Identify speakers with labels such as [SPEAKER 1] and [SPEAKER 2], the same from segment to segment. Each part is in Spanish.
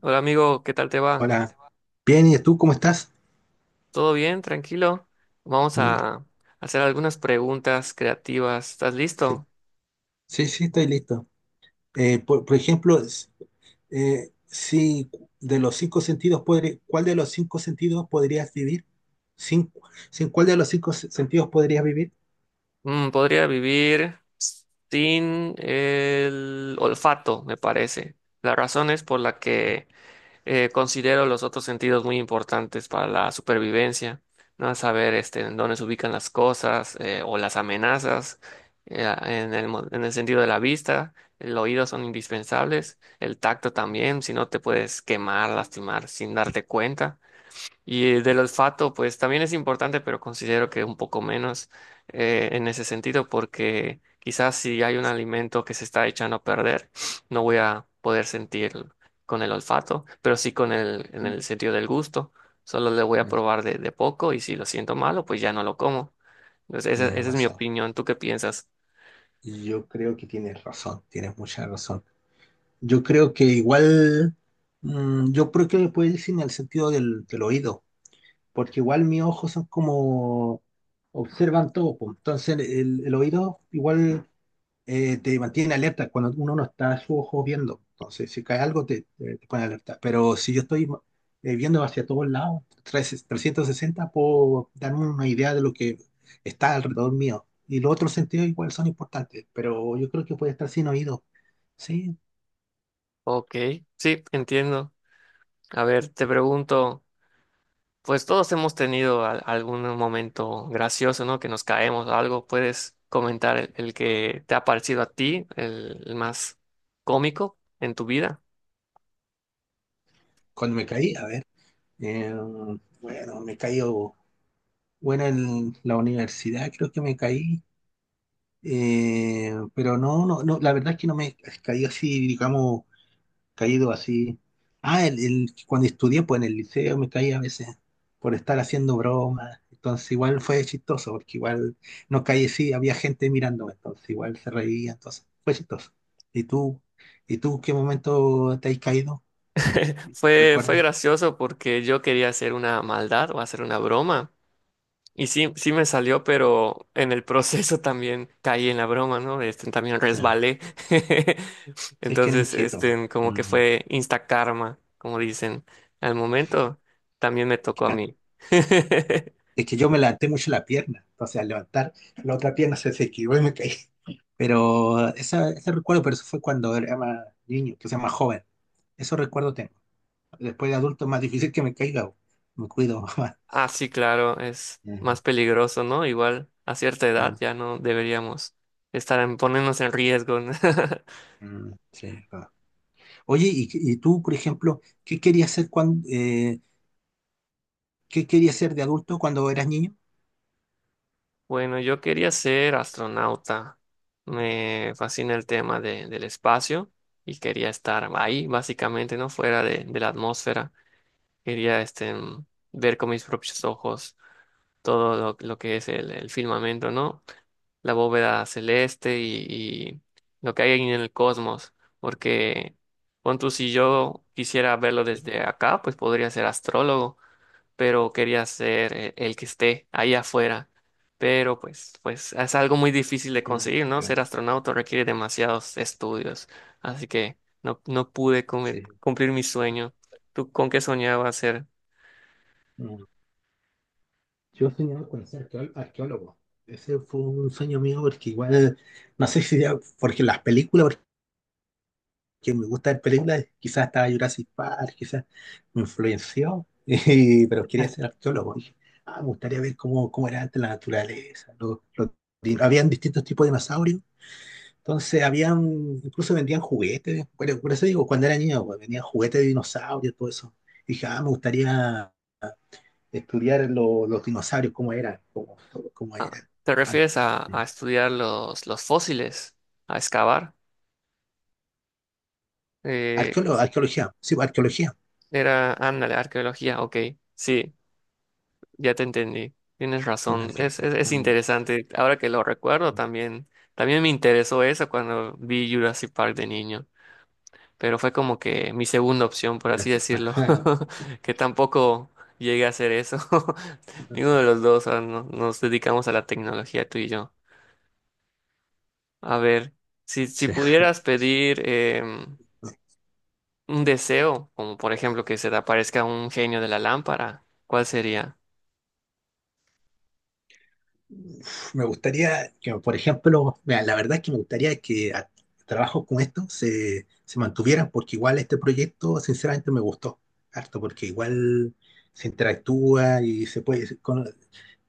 [SPEAKER 1] Hola amigo, ¿qué tal te va?
[SPEAKER 2] Hola, bien, ¿y tú cómo estás?
[SPEAKER 1] ¿Todo bien? ¿Tranquilo? Vamos
[SPEAKER 2] Mm.
[SPEAKER 1] a hacer algunas preguntas creativas. ¿Estás
[SPEAKER 2] Sí,
[SPEAKER 1] listo?
[SPEAKER 2] sí, sí, estoy listo. Por ejemplo, si de los cinco sentidos, ¿cuál de los cinco sentidos podrías vivir? ¿Sin, sin cuál de los cinco sentidos podrías vivir?
[SPEAKER 1] Podría vivir sin el olfato, me parece. La razón es por la que considero los otros sentidos muy importantes para la supervivencia, ¿no? Saber este, en dónde se ubican las cosas o las amenazas, en el sentido de la vista, el oído son indispensables, el tacto también, si no te puedes quemar, lastimar sin darte cuenta. Y del olfato, pues también es importante, pero considero que un poco menos en ese sentido, porque quizás si hay un alimento que se está echando a perder, no voy a poder sentir con el olfato, pero sí con en
[SPEAKER 2] Mm.
[SPEAKER 1] el sentido del gusto. Solo le voy a
[SPEAKER 2] Tienes,
[SPEAKER 1] probar de poco y si lo siento malo, pues ya no lo como. Entonces,
[SPEAKER 2] tienes
[SPEAKER 1] esa es mi
[SPEAKER 2] razón.
[SPEAKER 1] opinión. ¿Tú qué piensas?
[SPEAKER 2] Yo creo que tienes razón, tienes mucha razón. Yo creo que igual, yo creo que le puedes decir en el sentido del oído, porque igual mis ojos son como observan todo, pues. Entonces el oído igual te mantiene alerta cuando uno no está su ojo viendo. Entonces si cae algo te pone alerta. Pero si yo estoy viendo hacia todos lados, 360, puedo darme una idea de lo que está alrededor mío. Y los otros sentidos igual son importantes, pero yo creo que puede estar sin oído. Sí,
[SPEAKER 1] Ok, sí, entiendo. A ver, te pregunto. Pues todos hemos tenido algún momento gracioso, ¿no? Que nos caemos o algo. ¿Puedes comentar el que te ha parecido a ti, el más cómico en tu vida?
[SPEAKER 2] cuando me caí, a ver, eh, bueno, me caí, bueno, en la universidad creo que me caí. Pero no, no, no, la verdad es que no me caí así, digamos, caído así. Ah, cuando estudié, pues en el liceo me caí a veces por estar haciendo bromas. Entonces igual fue chistoso, porque igual no caí así, había gente mirándome, entonces igual se reía, entonces fue chistoso. ¿Y tú, y tú qué momento te has caído?
[SPEAKER 1] Fue
[SPEAKER 2] ¿Recuerdas?
[SPEAKER 1] gracioso porque yo quería hacer una maldad o hacer una broma. Y sí me salió, pero en el proceso también caí en la broma, ¿no? Este, también
[SPEAKER 2] Sí,
[SPEAKER 1] resbalé.
[SPEAKER 2] sí, que era
[SPEAKER 1] Entonces,
[SPEAKER 2] inquieto.
[SPEAKER 1] este, como que
[SPEAKER 2] Mm.
[SPEAKER 1] fue insta karma, como dicen. Al momento también me tocó a mí.
[SPEAKER 2] Es que yo me levanté mucho la pierna, entonces al levantar la otra pierna se esquivó y me caí. Pero ese recuerdo, pero eso fue cuando era más niño, que sea más joven. Eso recuerdo tengo. Después de adulto es más difícil que me caiga, bo. Me cuido más.
[SPEAKER 1] Ah, sí, claro, es
[SPEAKER 2] Ujú,
[SPEAKER 1] más peligroso, ¿no? Igual a cierta edad
[SPEAKER 2] ujú.
[SPEAKER 1] ya no deberíamos estar en ponernos en riesgo. ¿No?
[SPEAKER 2] Mm, sí, va. Oye, y tú, por ejemplo, qué querías ser de adulto cuando eras niño?
[SPEAKER 1] Bueno, yo quería ser astronauta. Me fascina el tema del espacio y quería estar ahí, básicamente, ¿no? Fuera de la atmósfera. Quería este, ver con mis propios ojos todo lo que es el firmamento, ¿no? La bóveda celeste y lo que hay ahí en el cosmos, porque pon tú, si yo quisiera verlo desde acá, pues podría ser astrólogo, pero quería ser el que esté ahí afuera. Pero pues es algo muy difícil de
[SPEAKER 2] Mm,
[SPEAKER 1] conseguir, ¿no?
[SPEAKER 2] yo,
[SPEAKER 1] Ser astronauta requiere demasiados estudios, así que no pude
[SPEAKER 2] sí.
[SPEAKER 1] cumplir mi sueño. ¿Tú con qué soñabas ser?
[SPEAKER 2] Mm. Yo soñaba con ser arqueólogo. Ese fue un sueño mío porque igual, no sé si era porque las películas, que me gusta ver películas, quizás estaba Jurassic Park, quizás me influenció, pero quería ser arqueólogo. Dije, ah, me gustaría ver cómo era antes la naturaleza. Habían distintos tipos de dinosaurios, entonces habían, incluso vendían juguetes. Bueno, por eso digo, cuando era niño, pues, vendían juguetes de dinosaurios, todo eso. Dije, ah, me gustaría estudiar los dinosaurios, cómo eran, cómo
[SPEAKER 1] Ah,
[SPEAKER 2] eran
[SPEAKER 1] ¿te refieres
[SPEAKER 2] antes. Mm.
[SPEAKER 1] a estudiar los fósiles, a excavar? Eh,
[SPEAKER 2] Arqueólogo, arqueología, sí, pues, arqueología.
[SPEAKER 1] Era, ándale, arqueología, ok, sí, ya te entendí, tienes
[SPEAKER 2] Mm.
[SPEAKER 1] razón,
[SPEAKER 2] Arqueología.
[SPEAKER 1] es
[SPEAKER 2] Mm,
[SPEAKER 1] interesante, ahora que lo recuerdo
[SPEAKER 2] mm.
[SPEAKER 1] también, también me interesó eso cuando vi Jurassic Park de niño, pero fue como que mi segunda opción, por así
[SPEAKER 2] Jurassic
[SPEAKER 1] decirlo,
[SPEAKER 2] Park.
[SPEAKER 1] que tampoco llegué a hacer eso, ninguno de los dos ah, nos dedicamos a la tecnología, tú y yo. A ver, si
[SPEAKER 2] Sí.
[SPEAKER 1] pudieras pedir un deseo, como por ejemplo que se te aparezca un genio de la lámpara, ¿cuál sería?
[SPEAKER 2] Me gustaría que, por ejemplo, mira, la verdad es que me gustaría que trabajos como estos se mantuvieran, porque igual este proyecto, sinceramente, me gustó harto, porque igual se interactúa y se puede,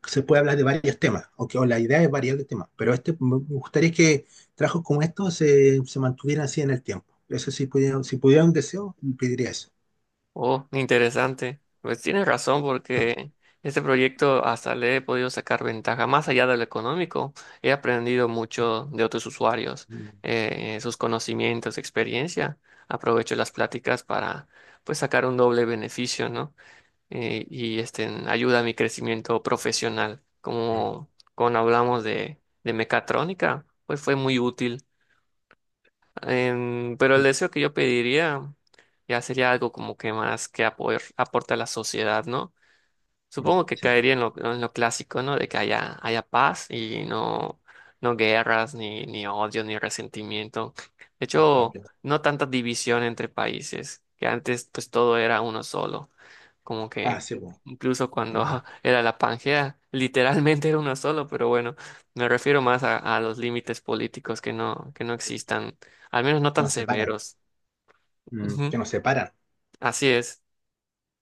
[SPEAKER 2] se puede hablar de varios temas, aunque o la idea es variar de temas, pero este, me gustaría que trabajos como estos se mantuvieran así en el tiempo. Eso sí, pudiera, si pudiera un deseo, pediría eso.
[SPEAKER 1] Oh, interesante. Pues tienes razón porque este proyecto hasta le he podido sacar ventaja más allá de lo económico. He aprendido mucho de otros usuarios,
[SPEAKER 2] Mm,
[SPEAKER 1] sus conocimientos, experiencia. Aprovecho las pláticas para pues sacar un doble beneficio, ¿no? Y este ayuda a mi crecimiento profesional.
[SPEAKER 2] mm,
[SPEAKER 1] Como cuando hablamos de mecatrónica, pues fue muy útil. Em, pero el
[SPEAKER 2] mm,
[SPEAKER 1] deseo que yo pediría ya sería algo como que más que apoyar, aporta a la sociedad, ¿no?
[SPEAKER 2] mm,
[SPEAKER 1] Supongo que
[SPEAKER 2] sí, está.
[SPEAKER 1] caería en en lo clásico, ¿no? De que haya paz y no guerras, ni odio, ni resentimiento. De
[SPEAKER 2] Ah, está
[SPEAKER 1] hecho,
[SPEAKER 2] bien.
[SPEAKER 1] no tanta división entre países, que antes pues todo era uno solo como
[SPEAKER 2] Ah,
[SPEAKER 1] que
[SPEAKER 2] sí, pues.
[SPEAKER 1] incluso cuando
[SPEAKER 2] Mm.
[SPEAKER 1] era la Pangea, literalmente era uno solo, pero bueno, me refiero más a los límites políticos que que no existan, al menos no
[SPEAKER 2] Que
[SPEAKER 1] tan
[SPEAKER 2] nos separan.
[SPEAKER 1] severos.
[SPEAKER 2] Mm. Que
[SPEAKER 1] Ujú,
[SPEAKER 2] nos separan.
[SPEAKER 1] así es,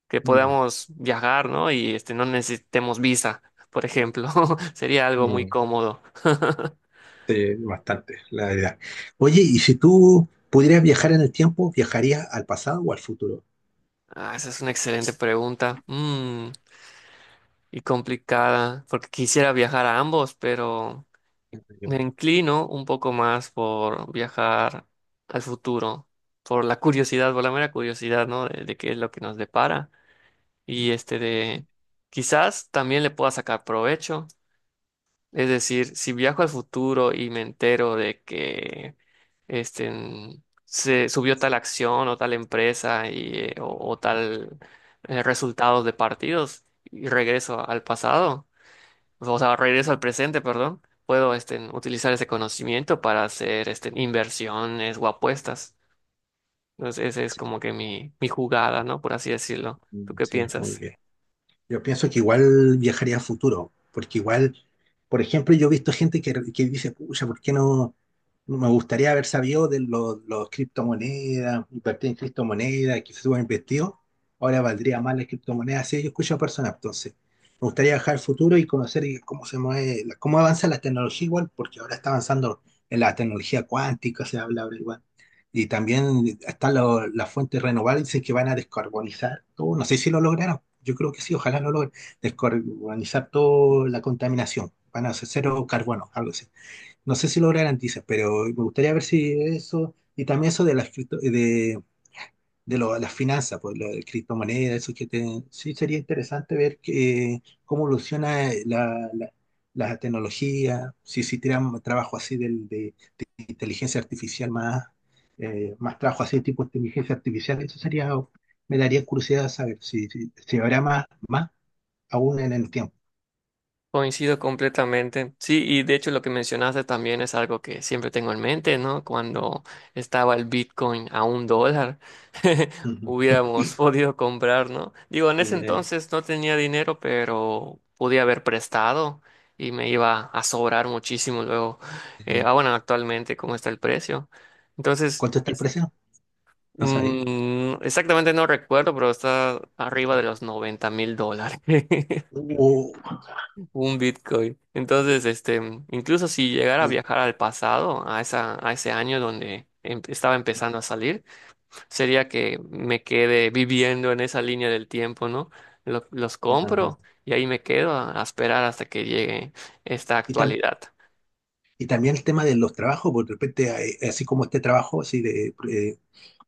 [SPEAKER 1] que
[SPEAKER 2] Mm,
[SPEAKER 1] podamos viajar, ¿no? Y este, no necesitemos visa, por ejemplo, sería algo
[SPEAKER 2] mm,
[SPEAKER 1] muy cómodo.
[SPEAKER 2] sí, bastante, la verdad. Oye, y si tú pudieras viajar en el tiempo, ¿viajarías al pasado o al futuro?
[SPEAKER 1] Ah, esa es una excelente pregunta. Mm, y complicada, porque quisiera viajar a ambos, pero... Me inclino un poco más por viajar al futuro, por la curiosidad, por la mera curiosidad, ¿no? De qué es lo que nos depara. Y este de, quizás también le pueda sacar provecho. Es decir, si viajo al futuro y me entero de que este, mm, se subió tal acción o tal empresa y, o tal resultados de partidos y regreso al pasado pues, o sea, regreso al presente, perdón, puedo este, utilizar ese conocimiento para hacer este, inversiones o apuestas. Entonces, esa es
[SPEAKER 2] Sí,
[SPEAKER 1] como que mi jugada, ¿no? Por así decirlo. ¿Tú
[SPEAKER 2] mm,
[SPEAKER 1] qué
[SPEAKER 2] sí, muy
[SPEAKER 1] piensas?
[SPEAKER 2] bien. Yo pienso que igual viajaría a futuro, porque igual, por ejemplo, yo he visto gente que dice, pucha, ¿por qué no? No me gustaría haber sabido de los criptomonedas, invertir en criptomonedas, que se hubieran investido. Ahora valdría más las criptomonedas. Sí, yo escucho a personas, entonces. Me gustaría viajar al futuro y conocer cómo se mueve, cómo avanza la tecnología igual, porque ahora está avanzando en la tecnología cuántica, se habla ahora igual. Y también están las fuentes renovables, dicen que van a descarbonizar todo. No sé si lo lograron. Yo creo que sí, ojalá lo logren. Descarbonizar toda la contaminación. Van a hacer cero carbono, algo así. No sé si lo garantizan, pero me gustaría ver si eso, y también eso de las finanzas, pues, la de criptomonedas, eso que sí sería interesante ver que, cómo evoluciona la tecnología, si tiran trabajo así de inteligencia artificial más, más trabajo así tipo inteligencia artificial, eso sería, me daría curiosidad saber si habrá más aún en el tiempo.
[SPEAKER 1] Coincido completamente. Sí, y de hecho lo que mencionaste también es algo que siempre tengo en mente, ¿no? Cuando estaba el Bitcoin a $1,
[SPEAKER 2] Ujú.
[SPEAKER 1] hubiéramos podido comprar, ¿no? Digo, en ese
[SPEAKER 2] Eh,
[SPEAKER 1] entonces no tenía dinero, pero podía haber prestado y me iba a sobrar muchísimo luego.
[SPEAKER 2] eh,
[SPEAKER 1] Ah, bueno, actualmente, ¿cómo está el precio? Entonces,
[SPEAKER 2] ¿Cuánto está el
[SPEAKER 1] es-
[SPEAKER 2] precio? No sabía.
[SPEAKER 1] mm, exactamente no recuerdo, pero está arriba de
[SPEAKER 2] Mucho.
[SPEAKER 1] los $90,000.
[SPEAKER 2] O-
[SPEAKER 1] Un Bitcoin. Entonces, este, incluso si llegara a
[SPEAKER 2] Mm.
[SPEAKER 1] viajar al pasado, a esa, a ese año donde estaba empezando a salir, sería que me quede viviendo en esa línea del tiempo, ¿no? Los
[SPEAKER 2] Ajá.
[SPEAKER 1] compro y ahí me quedo a esperar hasta que llegue esta
[SPEAKER 2] Y también
[SPEAKER 1] actualidad.
[SPEAKER 2] Y también el tema de los trabajos, porque de repente, así como este trabajo, así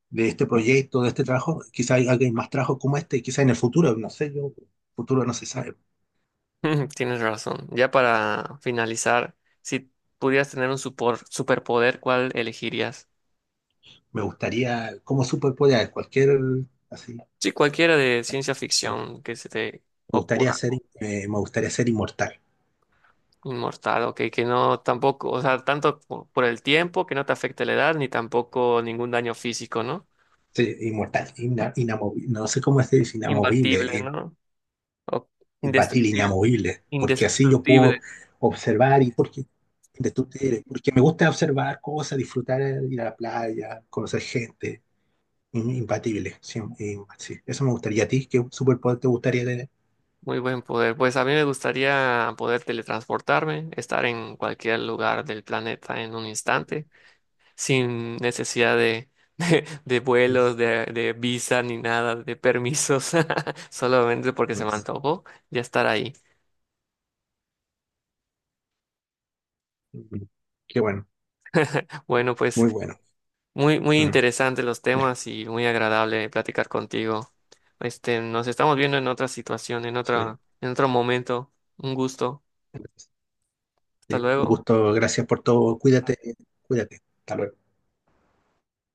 [SPEAKER 2] de este proyecto, de este trabajo, quizá hay alguien más trabajo como este, quizá en el futuro, no sé, yo, futuro no se sabe.
[SPEAKER 1] Tienes razón. Ya para finalizar, si pudieras tener un superpoder, ¿cuál elegirías?
[SPEAKER 2] Me gustaría, como superpoder, cualquier, así,
[SPEAKER 1] Sí, cualquiera de ciencia ficción que se te
[SPEAKER 2] gustaría
[SPEAKER 1] ocurra.
[SPEAKER 2] ser, me gustaría ser inmortal.
[SPEAKER 1] Inmortal, ok, que no tampoco, o sea, tanto por el tiempo, que no te afecte la edad, ni tampoco ningún daño físico, ¿no?
[SPEAKER 2] Sí, inmortal, no sé cómo se dice, inamovible,
[SPEAKER 1] Imbatible, ¿no? O
[SPEAKER 2] imbatible,
[SPEAKER 1] indestructible,
[SPEAKER 2] inamovible, porque así yo
[SPEAKER 1] indestructible,
[SPEAKER 2] puedo observar y porque, de tu- porque me gusta observar cosas, disfrutar, ir a la playa, conocer gente, Impatible, sí, sí. Eso me gustaría. ¿A ti qué superpoder te gustaría tener?
[SPEAKER 1] muy buen poder. Pues a mí me gustaría poder teletransportarme, estar en cualquier lugar del planeta en un instante, sin necesidad de, de
[SPEAKER 2] Mm.
[SPEAKER 1] vuelos, de visa, ni nada, de permisos, solamente porque se me antojó ya estar ahí.
[SPEAKER 2] Mm, qué bueno,
[SPEAKER 1] Bueno, pues...
[SPEAKER 2] muy bueno.
[SPEAKER 1] Muy
[SPEAKER 2] Mm,
[SPEAKER 1] interesantes los
[SPEAKER 2] ya,
[SPEAKER 1] temas y muy agradable platicar contigo. Este, nos estamos viendo en otra situación,
[SPEAKER 2] sí.
[SPEAKER 1] en otro momento. Un gusto. Hasta
[SPEAKER 2] Un
[SPEAKER 1] luego.
[SPEAKER 2] gusto, gracias por todo. Cuídate, cuídate. Hasta luego.